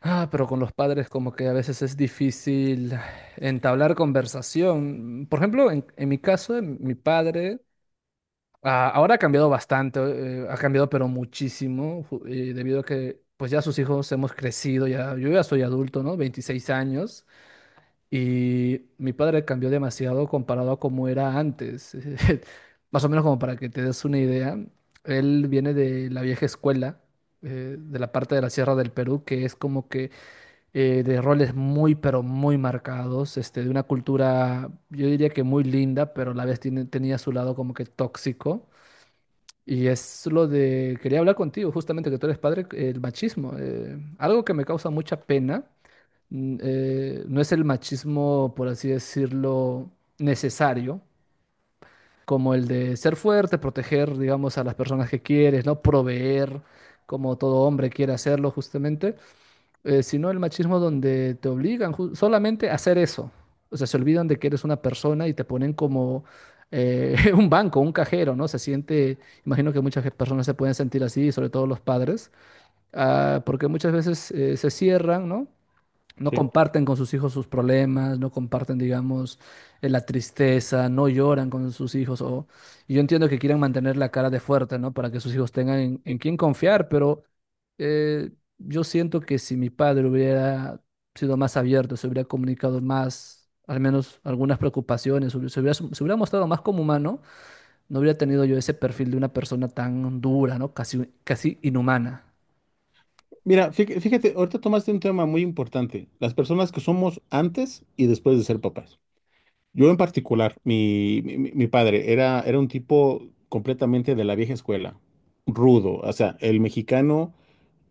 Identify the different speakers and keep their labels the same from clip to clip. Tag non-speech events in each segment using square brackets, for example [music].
Speaker 1: Ah, pero con los padres como que a veces es difícil entablar conversación. Por ejemplo, en mi caso, en mi padre ahora ha cambiado bastante, ha cambiado pero muchísimo, debido a que pues ya sus hijos hemos crecido, ya, yo ya soy adulto, ¿no? 26 años, y mi padre cambió demasiado comparado a como era antes. [laughs] Más o menos como para que te des una idea, él viene de la vieja escuela, de la parte de la Sierra del Perú, que es como que de roles muy, pero muy marcados, este, de una cultura, yo diría que muy linda, pero a la vez tenía su lado como que tóxico. Y es lo de, quería hablar contigo, justamente que tú eres padre, el machismo. Algo que me causa mucha pena, mm, no es el machismo, por así decirlo, necesario, como el de ser fuerte, proteger, digamos, a las personas que quieres, ¿no? Proveer, como todo hombre quiere hacerlo justamente sino el machismo donde te obligan solamente a hacer eso. O sea, se olvidan de que eres una persona y te ponen como [laughs] un banco, un cajero, ¿no? Se siente, imagino que muchas personas se pueden sentir así, sobre todo los padres, porque muchas veces se cierran, ¿no? No
Speaker 2: Sí.
Speaker 1: comparten con sus hijos sus problemas, no comparten, digamos, la tristeza, no lloran con sus hijos. O... y Yo entiendo que quieran mantener la cara de fuerte, ¿no? Para que sus hijos tengan en quién confiar, pero eh, yo siento que si mi padre hubiera sido más abierto, se hubiera comunicado más, al menos algunas preocupaciones, se hubiera mostrado más como humano, no hubiera tenido yo ese perfil de una persona tan dura, ¿no? Casi, casi inhumana.
Speaker 2: Mira, fíjate, ahorita tomaste un tema muy importante, las personas que somos antes y después de ser papás. Yo en particular, padre era un tipo completamente de la vieja escuela, rudo, o sea, el mexicano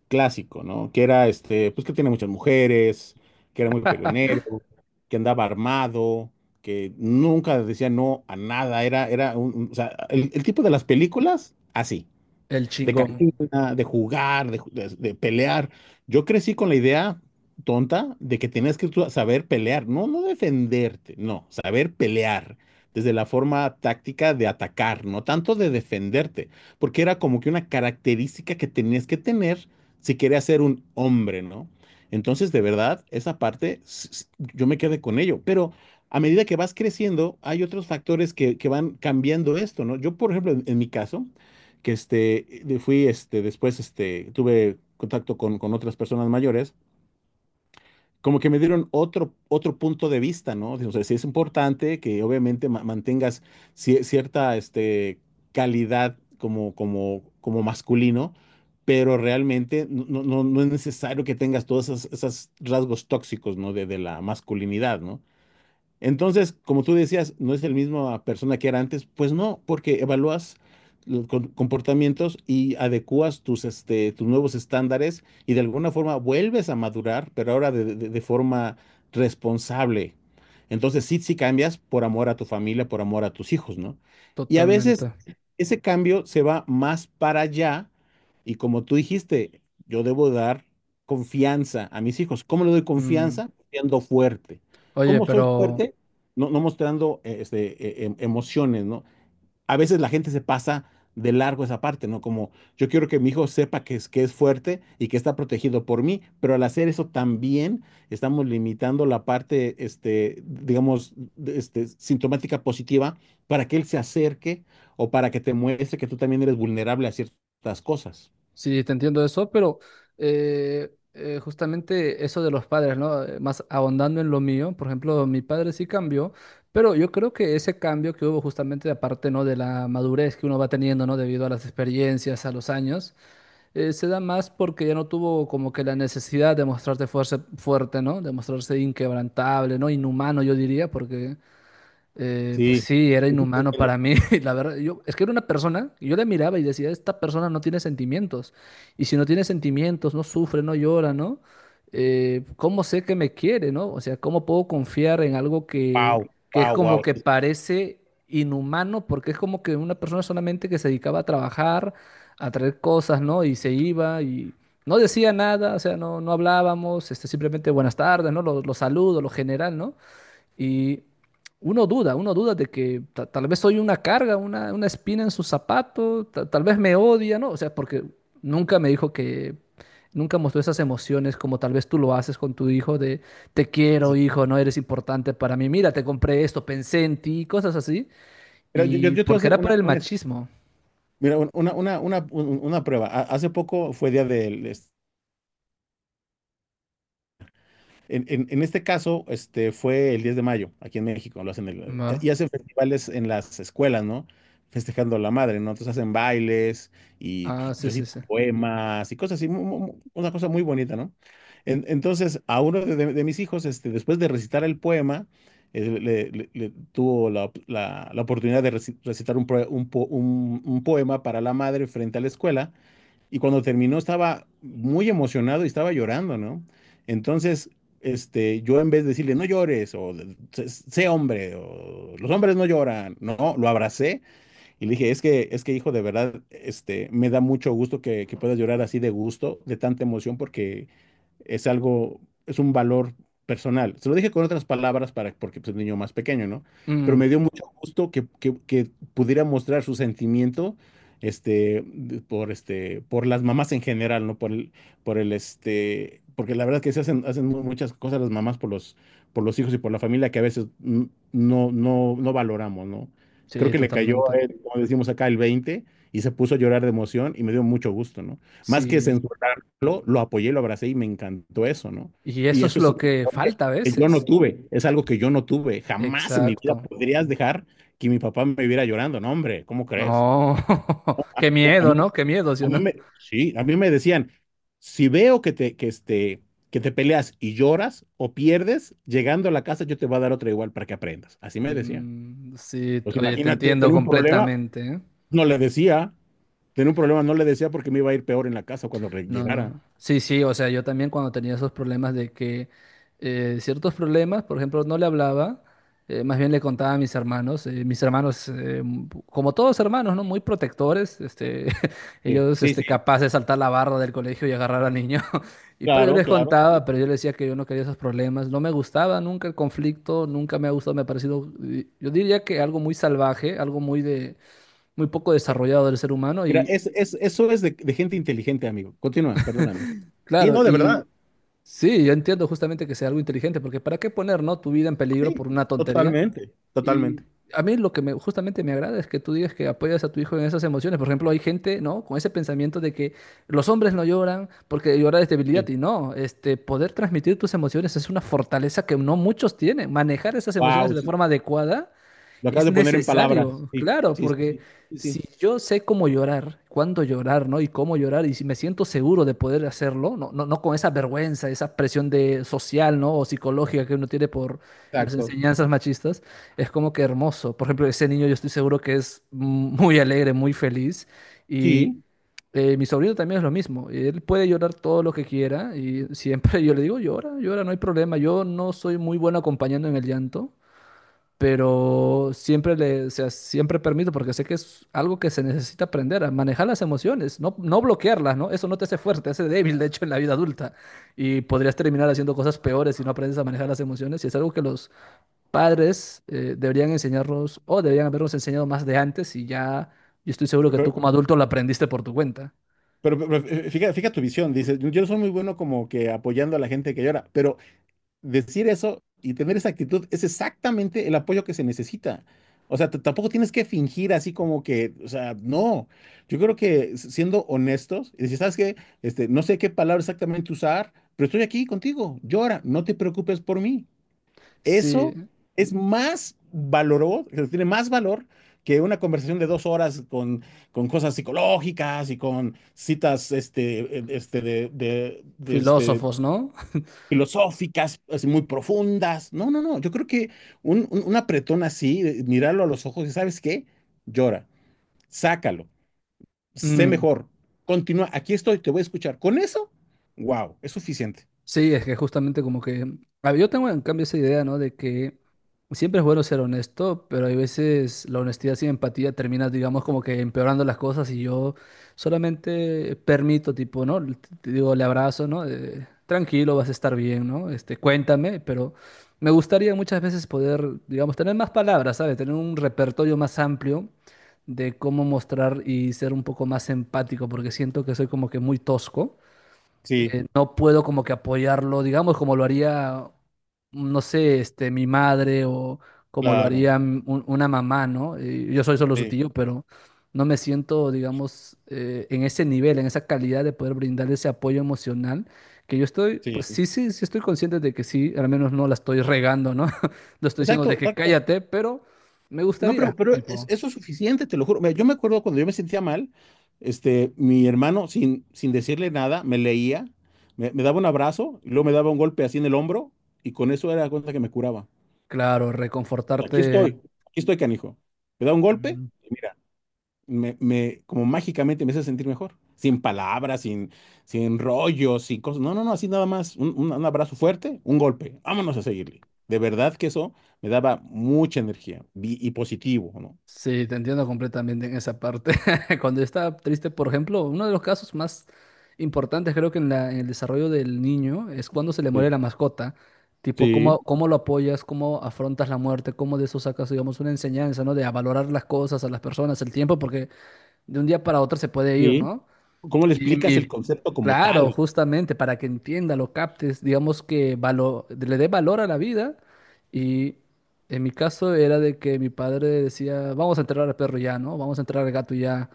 Speaker 2: clásico, ¿no? Que era, pues que tenía muchas mujeres, que era muy peleonero, que andaba armado, que nunca decía no a nada, o sea, el tipo de las películas, así.
Speaker 1: El
Speaker 2: De
Speaker 1: chingón.
Speaker 2: cantina, de jugar, de pelear. Yo crecí con la idea tonta de que tenías que tú saber pelear, no, no defenderte, no, saber pelear. Desde la forma táctica de atacar, no tanto de defenderte, porque era como que una característica que tenías que tener si querías ser un hombre, ¿no? Entonces, de verdad, esa parte, yo me quedé con ello, pero a medida que vas creciendo, hay otros factores que van cambiando esto, ¿no? Yo, por ejemplo, en mi caso, fui, después, tuve contacto con otras personas mayores, como que me dieron otro punto de vista, ¿no? O sea, sí es importante que obviamente mantengas cierta, calidad como masculino, pero realmente no es necesario que tengas todos esos rasgos tóxicos, ¿no? De la masculinidad, ¿no? Entonces, como tú decías, no es el mismo persona que era antes, pues no, porque evalúas los comportamientos y adecuas tus nuevos estándares y de alguna forma vuelves a madurar, pero ahora de forma responsable. Entonces, sí, sí cambias por amor a tu familia, por amor a tus hijos, ¿no? Y a veces
Speaker 1: Totalmente.
Speaker 2: ese cambio se va más para allá y como tú dijiste, yo debo dar confianza a mis hijos. ¿Cómo le doy
Speaker 1: Mm.
Speaker 2: confianza? Siendo fuerte.
Speaker 1: Oye,
Speaker 2: ¿Cómo soy
Speaker 1: pero
Speaker 2: fuerte? No mostrando emociones, ¿no? A veces la gente se pasa de largo esa parte, ¿no? Como yo quiero que mi hijo sepa que es fuerte y que está protegido por mí, pero al hacer eso también estamos limitando la parte, digamos, sintomática positiva para que él se acerque o para que te muestre que tú también eres vulnerable a ciertas cosas.
Speaker 1: sí, te entiendo eso, pero justamente eso de los padres, ¿no? Más ahondando en lo mío, por ejemplo, mi padre sí cambió, pero yo creo que ese cambio que hubo justamente aparte, ¿no? De la madurez que uno va teniendo, ¿no? Debido a las experiencias, a los años, se da más porque ya no tuvo como que la necesidad de mostrarte fuerza, fuerte, ¿no? De mostrarse inquebrantable, ¿no? Inhumano, yo diría, porque eh, pues
Speaker 2: Sí,
Speaker 1: sí, era inhumano para mí, [laughs] la verdad. Yo, es que era una persona, y yo le miraba y decía, esta persona no tiene sentimientos. Y si no tiene sentimientos, no sufre, no llora, ¿no? ¿Cómo sé que me quiere, ¿no? O sea, ¿cómo puedo confiar en algo
Speaker 2: wow,
Speaker 1: que es
Speaker 2: wow,
Speaker 1: como
Speaker 2: wow.
Speaker 1: que
Speaker 2: Sí,
Speaker 1: parece inhumano? Porque es como que una persona solamente que se dedicaba a trabajar, a traer cosas, ¿no? Y se iba y no decía nada, o sea, no, no hablábamos, este, simplemente buenas tardes, ¿no? Los saludos, lo general, ¿no? Y uno duda de que tal vez soy una carga, una espina en su zapato, tal vez me odia, ¿no? O sea, porque nunca me dijo que, nunca mostró esas emociones como tal vez tú lo haces con tu hijo de te quiero,
Speaker 2: sí.
Speaker 1: hijo, no eres importante para mí, mira, te compré esto, pensé en ti, cosas así.
Speaker 2: Mira, yo, yo,
Speaker 1: Y
Speaker 2: yo te voy a
Speaker 1: porque
Speaker 2: hacer
Speaker 1: era por el machismo.
Speaker 2: mira, una prueba. Hace poco fue día del, en este caso, fue el 10 de mayo, aquí en México,
Speaker 1: Ma-
Speaker 2: y hacen festivales en las escuelas, ¿no? Festejando a la madre, ¿no? Entonces hacen bailes y
Speaker 1: Ah, sí, sí,
Speaker 2: recitan
Speaker 1: sí.
Speaker 2: poemas y cosas así, una cosa muy bonita, ¿no? Entonces, a uno de mis hijos, después de recitar el poema, le tuvo la oportunidad de recitar un, proe- un po- un poema para la madre frente a la escuela y cuando terminó estaba muy emocionado y estaba llorando, ¿no? Entonces, yo en vez de decirle, no llores, o sé hombre, o los hombres no lloran, no, lo abracé y le dije, es que hijo, de verdad, me da mucho gusto que puedas llorar así de gusto, de tanta emoción, porque es algo, es un valor personal. Se lo dije con otras palabras para, porque pues, es un niño más pequeño, ¿no? Pero
Speaker 1: Mm,
Speaker 2: me dio mucho gusto que, que pudiera mostrar su sentimiento, por, por las mamás en general, ¿no? Porque la verdad que hacen muchas cosas las mamás por los hijos y por la familia que a veces no valoramos, ¿no? Creo
Speaker 1: sí,
Speaker 2: que le cayó a
Speaker 1: totalmente.
Speaker 2: él, como decimos acá, el 20 y se puso a llorar de emoción y me dio mucho gusto, ¿no? Más que
Speaker 1: Sí.
Speaker 2: censurarlo, lo apoyé, lo abracé y me encantó eso, ¿no?
Speaker 1: Y
Speaker 2: Y
Speaker 1: eso es
Speaker 2: eso es
Speaker 1: lo
Speaker 2: un
Speaker 1: que
Speaker 2: valor que
Speaker 1: falta a
Speaker 2: que yo no
Speaker 1: veces.
Speaker 2: tuve, es algo que yo no tuve. Jamás en mi vida
Speaker 1: Exacto.
Speaker 2: podrías dejar que mi papá me viera llorando, no, hombre, ¿cómo crees?
Speaker 1: No, [laughs] qué
Speaker 2: Yo- A
Speaker 1: miedo,
Speaker 2: mí,
Speaker 1: ¿no? Qué miedo, ¿sí
Speaker 2: a
Speaker 1: o
Speaker 2: mí
Speaker 1: no?
Speaker 2: me, sí, a mí me decían, si veo que te peleas y lloras o pierdes, llegando a la casa yo te voy a dar otra igual para que aprendas. Así me decían.
Speaker 1: Mm, sí,
Speaker 2: Pues
Speaker 1: oye, te
Speaker 2: imagínate,
Speaker 1: entiendo
Speaker 2: tiene un problema,
Speaker 1: completamente, ¿eh?
Speaker 2: no le decía, tenía un problema, no le decía porque me iba a ir peor en la casa cuando
Speaker 1: No, no.
Speaker 2: llegara.
Speaker 1: Sí, sí, o sea, yo también cuando tenía esos problemas de que ciertos problemas, por ejemplo, no le hablaba, más bien le contaba a mis hermanos, como todos hermanos, ¿no? Muy protectores, este, [laughs]
Speaker 2: Sí,
Speaker 1: ellos,
Speaker 2: sí,
Speaker 1: este,
Speaker 2: sí,
Speaker 1: capaces de saltar la barra del colegio y agarrar al niño. [laughs] Y, pero yo
Speaker 2: claro,
Speaker 1: les
Speaker 2: claro. Sí.
Speaker 1: contaba, pero yo les decía que yo no quería esos problemas, no me gustaba nunca el conflicto, nunca me ha gustado, me ha parecido, yo diría que algo muy salvaje, algo muy de, muy poco desarrollado del ser humano
Speaker 2: Mira,
Speaker 1: y,
Speaker 2: es, eso es de gente inteligente, amigo. Continúa, perdóname. Sí,
Speaker 1: claro,
Speaker 2: no, de verdad.
Speaker 1: y... Sí, yo entiendo justamente que sea algo inteligente, porque ¿para qué poner, no, tu vida en peligro
Speaker 2: Sí.
Speaker 1: por una tontería?
Speaker 2: Totalmente, totalmente.
Speaker 1: Y a mí lo que me, justamente me agrada es que tú digas que apoyas a tu hijo en esas emociones. Por ejemplo, hay gente, ¿no? Con ese pensamiento de que los hombres no lloran porque llorar es debilidad.
Speaker 2: Sí.
Speaker 1: Y no, este, poder transmitir tus emociones es una fortaleza que no muchos tienen. Manejar esas
Speaker 2: Wow,
Speaker 1: emociones de
Speaker 2: sí.
Speaker 1: forma adecuada
Speaker 2: Lo acabas
Speaker 1: es
Speaker 2: de poner en palabras.
Speaker 1: necesario,
Speaker 2: Sí,
Speaker 1: claro,
Speaker 2: sí, sí,
Speaker 1: porque
Speaker 2: sí, sí, sí,
Speaker 1: si yo sé cómo llorar, cuándo llorar, ¿no? Y cómo llorar, y si me siento seguro de poder hacerlo, no, no, no con esa vergüenza, esa presión de social, ¿no? O psicológica que uno tiene por las
Speaker 2: exacto.
Speaker 1: enseñanzas machistas, es como que hermoso. Por ejemplo, ese niño yo estoy seguro que es muy alegre, muy feliz. Y
Speaker 2: Sí.
Speaker 1: mi sobrino también es lo mismo. Él puede llorar todo lo que quiera y siempre [laughs] yo le digo, llora, llora, no hay problema. Yo no soy muy bueno acompañando en el llanto pero siempre le, o sea, siempre permito, porque sé que es algo que se necesita aprender, a manejar las emociones, no, no bloquearlas, ¿no? Eso no te hace fuerte, te hace débil, de hecho, en la vida adulta. Y podrías terminar haciendo cosas peores si no aprendes a manejar las emociones. Y es algo que los padres deberían enseñarnos, o deberían habernos enseñado más de antes, y ya, yo estoy seguro que
Speaker 2: pero,
Speaker 1: tú como adulto lo aprendiste por tu cuenta.
Speaker 2: pero, fija tu visión. Dices, yo soy muy bueno como que apoyando a la gente que llora, pero decir eso y tener esa actitud es exactamente el apoyo que se necesita. O sea, tampoco tienes que fingir así como que, o sea, no. Yo creo que siendo honestos y decir, ¿sabes qué? No sé qué palabra exactamente usar, pero estoy aquí contigo. Llora, no te preocupes por mí. Eso
Speaker 1: Sí,
Speaker 2: es más valoroso, tiene más valor que una conversación de 2 horas con cosas psicológicas y con citas
Speaker 1: filósofos, ¿no?
Speaker 2: filosóficas, así muy profundas. No, no, no. Yo creo que un apretón así, mirarlo a los ojos y ¿sabes qué? Llora, sácalo, sé
Speaker 1: Mm,
Speaker 2: mejor, continúa, aquí estoy, te voy a escuchar. Con eso, wow, es suficiente.
Speaker 1: sí, es que justamente como que... A ver, yo tengo en cambio esa idea, ¿no? De que siempre es bueno ser honesto, pero hay veces la honestidad sin empatía termina, digamos, como que empeorando las cosas y yo solamente permito, tipo, ¿no? Te digo, le abrazo, ¿no? Tranquilo, vas a estar bien, ¿no? Este, cuéntame, pero me gustaría muchas veces poder, digamos, tener más palabras, ¿sabes? Tener un repertorio más amplio de cómo mostrar y ser un poco más empático, porque siento que soy como que muy tosco
Speaker 2: Sí,
Speaker 1: no puedo como que apoyarlo, digamos, como lo haría, no sé, este, mi madre o como lo
Speaker 2: claro,
Speaker 1: haría una mamá, ¿no? Yo soy solo su
Speaker 2: sí,
Speaker 1: tío, pero no me siento, digamos, en ese nivel, en esa calidad de poder brindar ese apoyo emocional, que yo estoy,
Speaker 2: sí.
Speaker 1: pues sí, sí, sí estoy consciente de que sí, al menos no la estoy regando, ¿no? [laughs] No estoy diciendo
Speaker 2: Exacto,
Speaker 1: de que
Speaker 2: exacto.
Speaker 1: cállate, pero me
Speaker 2: No,
Speaker 1: gustaría,
Speaker 2: pero
Speaker 1: tipo,
Speaker 2: eso es suficiente, te lo juro. Mira, yo me acuerdo cuando yo me sentía mal, mi hermano, sin decirle nada, me leía, me daba un abrazo, y luego me daba un golpe así en el hombro, y con eso era la cuenta que me curaba.
Speaker 1: claro,
Speaker 2: Aquí
Speaker 1: reconfortarte.
Speaker 2: estoy, aquí estoy, canijo. Me da un golpe,
Speaker 1: Mm,
Speaker 2: y mira, como mágicamente me hace sentir mejor. Sin palabras, sin rollos, sin cosas. No, no, no, así nada más. Un abrazo fuerte, un golpe. Vámonos a seguirle. De verdad que eso me daba mucha energía y positivo, ¿no?
Speaker 1: sí, te entiendo completamente en esa parte. [laughs] Cuando yo estaba triste, por ejemplo, uno de los casos más importantes creo que en en el desarrollo del niño es cuando se le muere
Speaker 2: Sí.
Speaker 1: la mascota. Tipo, cómo,
Speaker 2: Sí,
Speaker 1: cómo lo apoyas, cómo afrontas la muerte, cómo de eso sacas, digamos, una enseñanza, ¿no? De a valorar las cosas, a las personas, el tiempo, porque de un día para otro se puede ir,
Speaker 2: sí.
Speaker 1: ¿no?
Speaker 2: ¿Cómo le
Speaker 1: Y
Speaker 2: explicas el concepto como
Speaker 1: claro,
Speaker 2: tal?
Speaker 1: justamente para que entienda, lo captes, digamos que le dé valor a la vida. Y en mi caso era de que mi padre decía, vamos a enterrar al perro ya, ¿no? Vamos a enterrar al gato ya.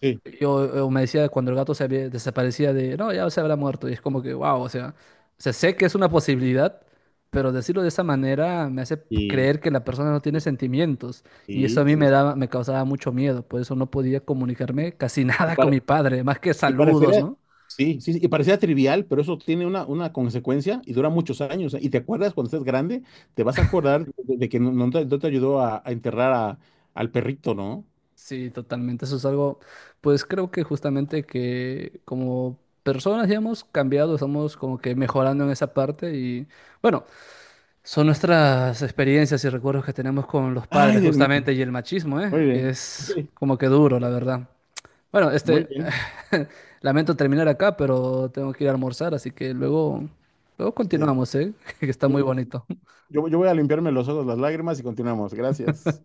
Speaker 2: Sí,
Speaker 1: Yo me decía cuando el gato desaparecía de, no, ya se habrá muerto. Y es como que, wow, o sea, sé que es una posibilidad, pero decirlo de esa manera me hace
Speaker 2: sí,
Speaker 1: creer que la persona no tiene
Speaker 2: sí,
Speaker 1: sentimientos. Y eso a
Speaker 2: sí,
Speaker 1: mí me
Speaker 2: sí.
Speaker 1: daba, me causaba mucho miedo. Por eso no podía comunicarme casi [laughs]
Speaker 2: Sí.
Speaker 1: nada con mi padre, más que
Speaker 2: Y
Speaker 1: saludos,
Speaker 2: parecería,
Speaker 1: ¿no?
Speaker 2: sí, sí, sí, y parecía trivial, pero eso tiene una consecuencia y dura muchos años, ¿eh? Y te acuerdas cuando estés grande, te vas a acordar de que no te no te ayudó a enterrar al perrito, ¿no?
Speaker 1: Sí, totalmente. Eso es algo, pues creo que justamente que como personas ya hemos cambiado, estamos como que mejorando en esa parte y bueno. Son nuestras experiencias y recuerdos que tenemos con los
Speaker 2: Ay,
Speaker 1: padres,
Speaker 2: Dios
Speaker 1: justamente,
Speaker 2: mío.
Speaker 1: y el machismo, ¿eh?
Speaker 2: Muy
Speaker 1: Que
Speaker 2: bien.
Speaker 1: es
Speaker 2: Sí,
Speaker 1: como que duro, la verdad. Bueno,
Speaker 2: muy
Speaker 1: este,
Speaker 2: bien.
Speaker 1: [laughs] lamento terminar acá, pero tengo que ir a almorzar, así que luego, luego
Speaker 2: Sí.
Speaker 1: continuamos, ¿eh? [laughs] Que está
Speaker 2: Yo,
Speaker 1: muy bonito.
Speaker 2: yo voy a limpiarme los ojos, las lágrimas y continuamos. Gracias.